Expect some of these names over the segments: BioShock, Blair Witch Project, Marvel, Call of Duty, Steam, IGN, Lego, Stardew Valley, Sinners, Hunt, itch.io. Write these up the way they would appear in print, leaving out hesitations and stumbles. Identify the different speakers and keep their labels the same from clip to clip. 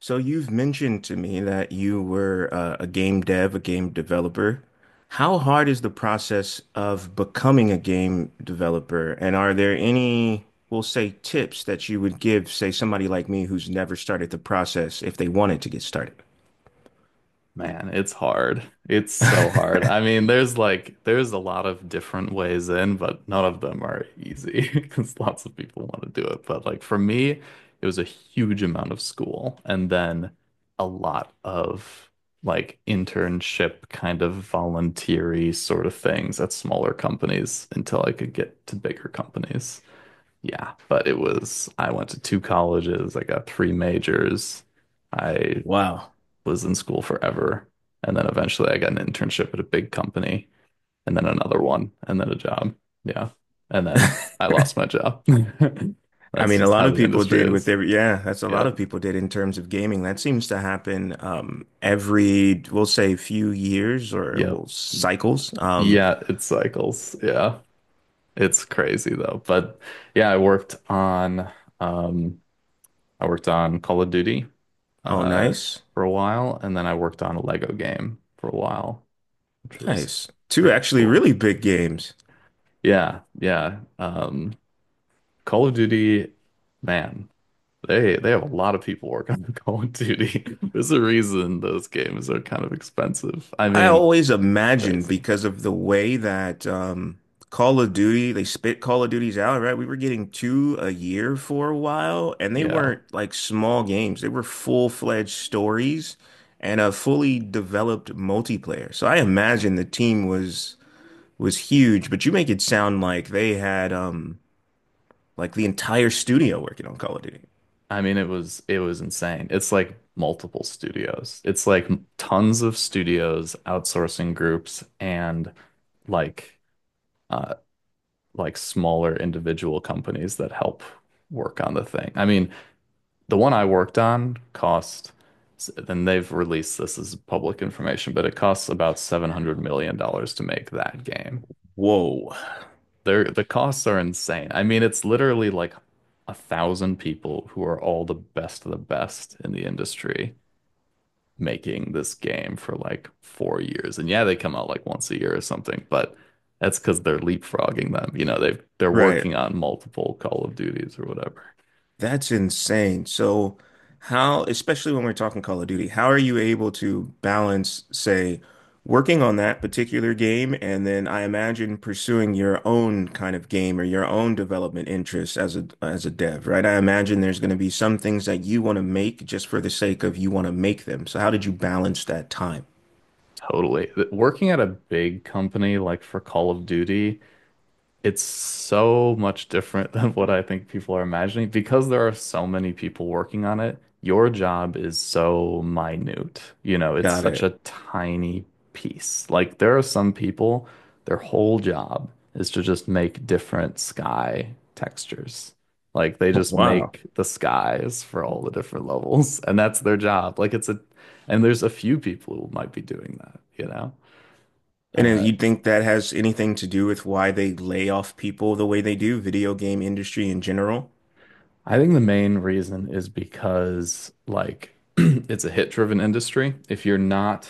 Speaker 1: So you've mentioned to me that you were a game dev, a game developer. How hard is the process of becoming a game developer? And are there any, we'll say, tips that you would give, say, somebody like me who's never started the process if they wanted to get started?
Speaker 2: Man, it's hard. It's so hard. I mean, there's like there's a lot of different ways in, but none of them are easy because lots of people want to do it. But like for me, it was a huge amount of school and then a lot of like internship kind of volunteery sort of things at smaller companies until I could get to bigger companies. Yeah, but it was I went to two colleges, I got three majors. I
Speaker 1: Wow.
Speaker 2: was in school forever. And then eventually I got an internship at a big company and then another one and then a job. Yeah. And then I lost my job.
Speaker 1: I
Speaker 2: That's
Speaker 1: mean, a
Speaker 2: just
Speaker 1: lot
Speaker 2: how
Speaker 1: of
Speaker 2: the
Speaker 1: people
Speaker 2: industry
Speaker 1: did with
Speaker 2: is.
Speaker 1: their, yeah, that's a lot
Speaker 2: Yep.
Speaker 1: of people did in terms of gaming. That seems to happen every, we'll say, few years or
Speaker 2: Yep.
Speaker 1: well, cycles.
Speaker 2: Yeah, it cycles. Yeah. It's crazy though. But yeah, um I worked on Call of Duty
Speaker 1: Oh,
Speaker 2: uh
Speaker 1: nice.
Speaker 2: for a while and then I worked on a Lego game for a while, which was
Speaker 1: Nice. Two
Speaker 2: pretty
Speaker 1: actually
Speaker 2: cool.
Speaker 1: really big games.
Speaker 2: Yeah, yeah. Call of Duty, man, they have a lot of people working on Call of Duty. There's a reason those games are kind of expensive. I
Speaker 1: I
Speaker 2: mean,
Speaker 1: always imagine
Speaker 2: crazy.
Speaker 1: because of the way that Call of Duty, they spit Call of Duties out, right? We were getting two a year for a while, and they
Speaker 2: Yeah.
Speaker 1: weren't like small games. They were full-fledged stories and a fully developed multiplayer. So I imagine the team was huge, but you make it sound like they had like the entire studio working on Call of Duty.
Speaker 2: I mean, it was insane. It's like multiple studios. It's like tons of studios, outsourcing groups, and like uh like smaller individual companies that help work on the thing. I mean, the one I worked on cost, and they've released this as public information, but it costs about $700 million to make that game.
Speaker 1: Whoa.
Speaker 2: The costs are insane. I mean, it's literally like a thousand people who are all the best of the best in the industry making this game for like 4 years. And yeah, they come out like once a year or something, but that's because they're leapfrogging them. You know, they're
Speaker 1: Right.
Speaker 2: working on multiple Call of Duties or whatever.
Speaker 1: That's insane. So, how, especially when we're talking Call of Duty, how are you able to balance, say, working on that particular game, and then I imagine pursuing your own kind of game or your own development interests as a dev, right? I imagine there's going to be some things that you want to make just for the sake of you want to make them. So, how did you balance that time?
Speaker 2: Totally. Working at a big company like for Call of Duty, it's so much different than what I think people are imagining because there are so many people working on it. Your job is so minute. You know, it's
Speaker 1: Got
Speaker 2: such
Speaker 1: it.
Speaker 2: a tiny piece. Like there are some people, their whole job is to just make different sky textures. Like they just
Speaker 1: Wow.
Speaker 2: make the skies for all the different levels, and that's their job. Like and there's a few people who might be doing that, you know?
Speaker 1: And then
Speaker 2: Uh,
Speaker 1: you think that has anything to do with why they lay off people the way they do, video game industry in general?
Speaker 2: I think the main reason is because like it's a hit-driven industry. If you're not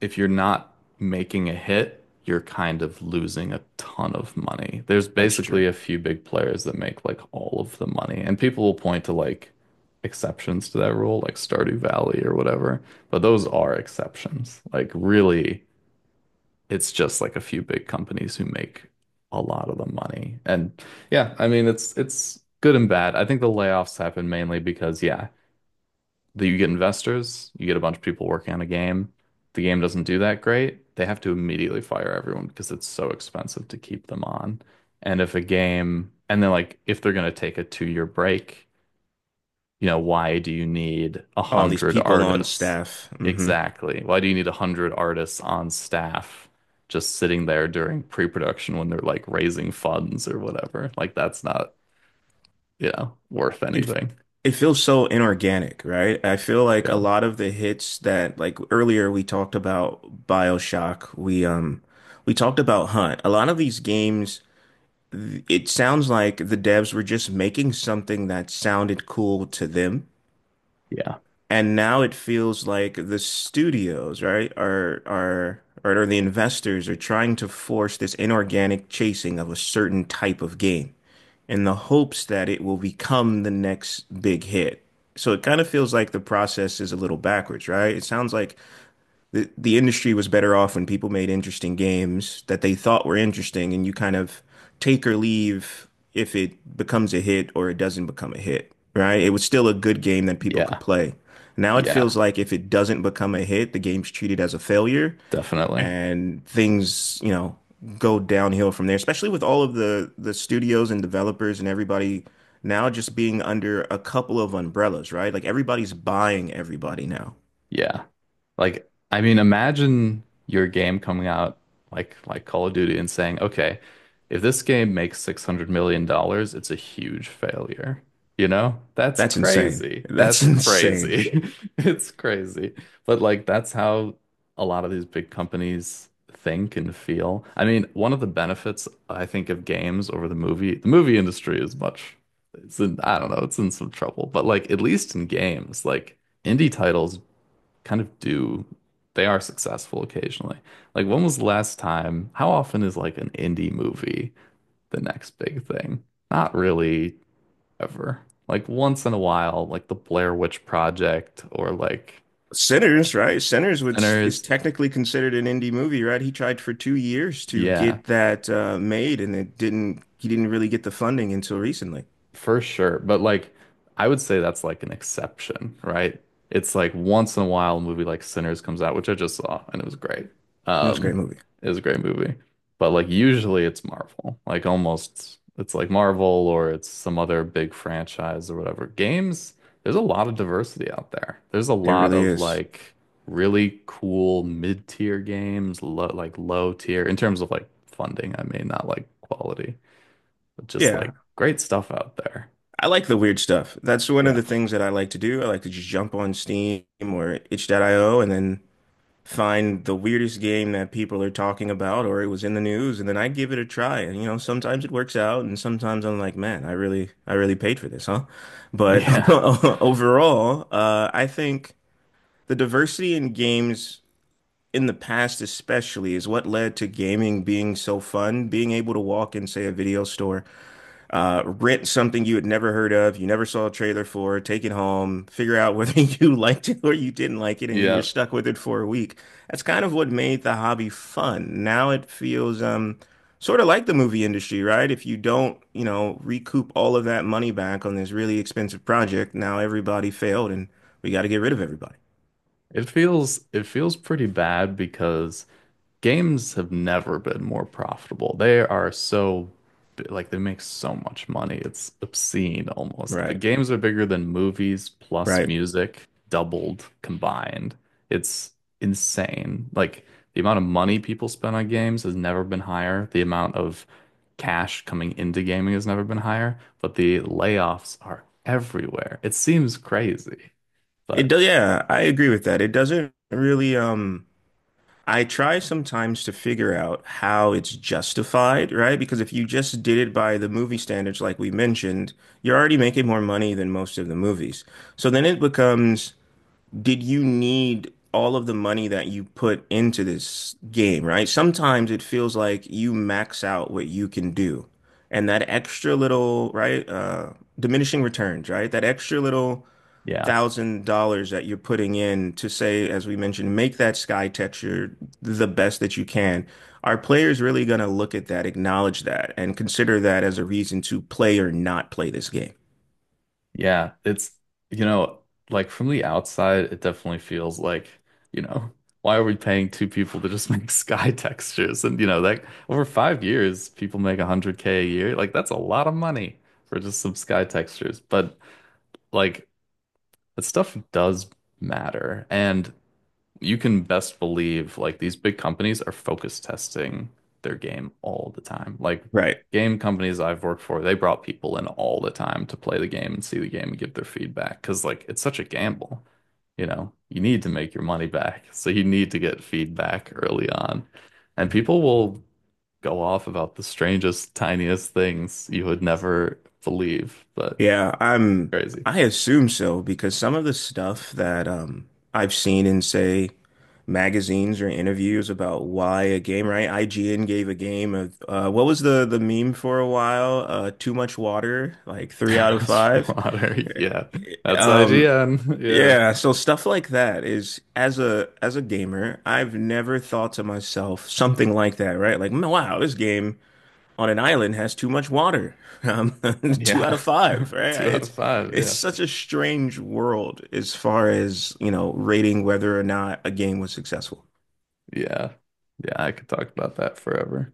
Speaker 2: if you're not making a hit, you're kind of losing a ton of money. There's
Speaker 1: That's true.
Speaker 2: basically a few big players that make like all of the money, and people will point to like exceptions to that rule, like Stardew Valley or whatever, but those are exceptions. Like really it's just like a few big companies who make a lot of the money. And yeah, I mean it's good and bad. I think the layoffs happen mainly because yeah, that you get investors, you get a bunch of people working on a game. The game doesn't do that great. They have to immediately fire everyone because it's so expensive to keep them on. And then, like, if they're going to take a 2-year break, you know, why do you need a
Speaker 1: All these
Speaker 2: hundred
Speaker 1: people on
Speaker 2: artists?
Speaker 1: staff. Hmm.
Speaker 2: Exactly. Why do you need a hundred artists on staff just sitting there during pre-production when they're like raising funds or whatever? Like that's not worth
Speaker 1: It
Speaker 2: anything.
Speaker 1: it feels so inorganic, right? I feel like a
Speaker 2: Yeah.
Speaker 1: lot of the hits that like earlier we talked about BioShock, we talked about Hunt. A lot of these games, it sounds like the devs were just making something that sounded cool to them.
Speaker 2: Yeah.
Speaker 1: And now it feels like the studios, right, are or the investors are trying to force this inorganic chasing of a certain type of game in the hopes that it will become the next big hit. So it kind of feels like the process is a little backwards, right? It sounds like the industry was better off when people made interesting games that they thought were interesting, and you kind of take or leave if it becomes a hit or it doesn't become a hit, right? It was still a good game that people could
Speaker 2: Yeah.
Speaker 1: play. Now it
Speaker 2: Yeah.
Speaker 1: feels like if it doesn't become a hit, the game's treated as a failure,
Speaker 2: Definitely.
Speaker 1: and things, you know, go downhill from there, especially with all of the studios and developers and everybody now just being under a couple of umbrellas, right? Like everybody's buying everybody now.
Speaker 2: Yeah. Like, I mean, imagine your game coming out like Call of Duty and saying, okay, if this game makes $600 million, it's a huge failure. You know? That's
Speaker 1: That's insane.
Speaker 2: crazy.
Speaker 1: That's
Speaker 2: That's
Speaker 1: insane.
Speaker 2: crazy. It's crazy. But like that's how a lot of these big companies think and feel. I mean, one of the benefits I think of games over the movie industry is much it's in, I don't know, it's in some trouble, but like at least in games, like indie titles kind of do they are successful occasionally. Like when was the last time? How often is like an indie movie the next big thing? Not really ever. Like once in a while, like the Blair Witch Project or like
Speaker 1: Sinners, right? Sinners was is
Speaker 2: Sinners.
Speaker 1: technically considered an indie movie, right? He tried for 2 years to
Speaker 2: Yeah,
Speaker 1: get that made, and it didn't. He didn't really get the funding until recently.
Speaker 2: for sure. But like I would say that's like an exception, right? It's like once in a while a movie like Sinners comes out, which I just saw and it was great.
Speaker 1: It was a great
Speaker 2: Um
Speaker 1: movie.
Speaker 2: it was a great movie. But like usually it's Marvel. Like almost it's like Marvel or it's some other big franchise or whatever. Games, there's a lot of diversity out there. There's a
Speaker 1: It
Speaker 2: lot
Speaker 1: really
Speaker 2: of
Speaker 1: is.
Speaker 2: like really cool mid-tier games, like low tier in terms of like funding, I mean, not like quality, but just
Speaker 1: Yeah,
Speaker 2: like great stuff out there.
Speaker 1: I like the weird stuff. That's one of
Speaker 2: Yeah.
Speaker 1: the things that I like to do. I like to just jump on Steam or itch.io and then find the weirdest game that people are talking about or it was in the news, and then I give it a try, and you know sometimes it works out and sometimes I'm like, man, I really paid for this, huh? But
Speaker 2: Yeah.
Speaker 1: overall, I think the diversity in games in the past especially is what led to gaming being so fun, being able to walk in, say, a video store, rent something you had never heard of, you never saw a trailer for, take it home, figure out whether you liked it or you didn't like it, and you were
Speaker 2: Yeah.
Speaker 1: stuck with it for a week. That's kind of what made the hobby fun. Now it feels sort of like the movie industry, right? If you don't, you know, recoup all of that money back on this really expensive project, now everybody failed and we got to get rid of everybody.
Speaker 2: It feels pretty bad because games have never been more profitable. They are so like they make so much money. It's obscene almost. But
Speaker 1: Right,
Speaker 2: games are bigger than movies plus
Speaker 1: right.
Speaker 2: music doubled combined. It's insane. Like the amount of money people spend on games has never been higher. The amount of cash coming into gaming has never been higher, but the layoffs are everywhere. It seems crazy.
Speaker 1: It
Speaker 2: But
Speaker 1: does. Yeah, I agree with that. It doesn't really I try sometimes to figure out how it's justified, right? Because if you just did it by the movie standards, like we mentioned, you're already making more money than most of the movies. So then it becomes, did you need all of the money that you put into this game, right? Sometimes it feels like you max out what you can do. And that extra little, right, diminishing returns, right? That extra little
Speaker 2: yeah,
Speaker 1: $1,000 that you're putting in to say, as we mentioned, make that sky texture the best that you can, are players really going to look at that, acknowledge that, and consider that as a reason to play or not play this game?
Speaker 2: yeah, it's, you know, like from the outside, it definitely feels like, you know, why are we paying two people to just make sky textures? And that over 5 years, people make 100K a year. Like, that's a lot of money for just some sky textures. But, like, that stuff does matter. And you can best believe like these big companies are focus testing their game all the time. Like
Speaker 1: Right.
Speaker 2: game companies I've worked for, they brought people in all the time to play the game and see the game and give their feedback because like it's such a gamble. You know, you need to make your money back. So you need to get feedback early on. And people will go off about the strangest, tiniest things you would never believe, but
Speaker 1: Yeah, I'm
Speaker 2: crazy.
Speaker 1: I assume so because some of the stuff that I've seen in say magazines or interviews about why a game, right? IGN gave a game of what was the meme for a while? Too much water, like three
Speaker 2: Too
Speaker 1: out of
Speaker 2: much
Speaker 1: five.
Speaker 2: water. Yeah. That's
Speaker 1: Um
Speaker 2: IGN. Yeah.
Speaker 1: Yeah, so stuff like that is as a gamer, I've never thought to myself something like that, right? Like, "Mm, wow, this game on an island has too much water. Um, two out
Speaker 2: Yeah.
Speaker 1: of five," right?
Speaker 2: Two out
Speaker 1: It's
Speaker 2: of five.
Speaker 1: it's
Speaker 2: Yeah.
Speaker 1: such a strange world as far as, you know, rating whether or not a game was successful.
Speaker 2: Yeah. Yeah. I could talk about that forever.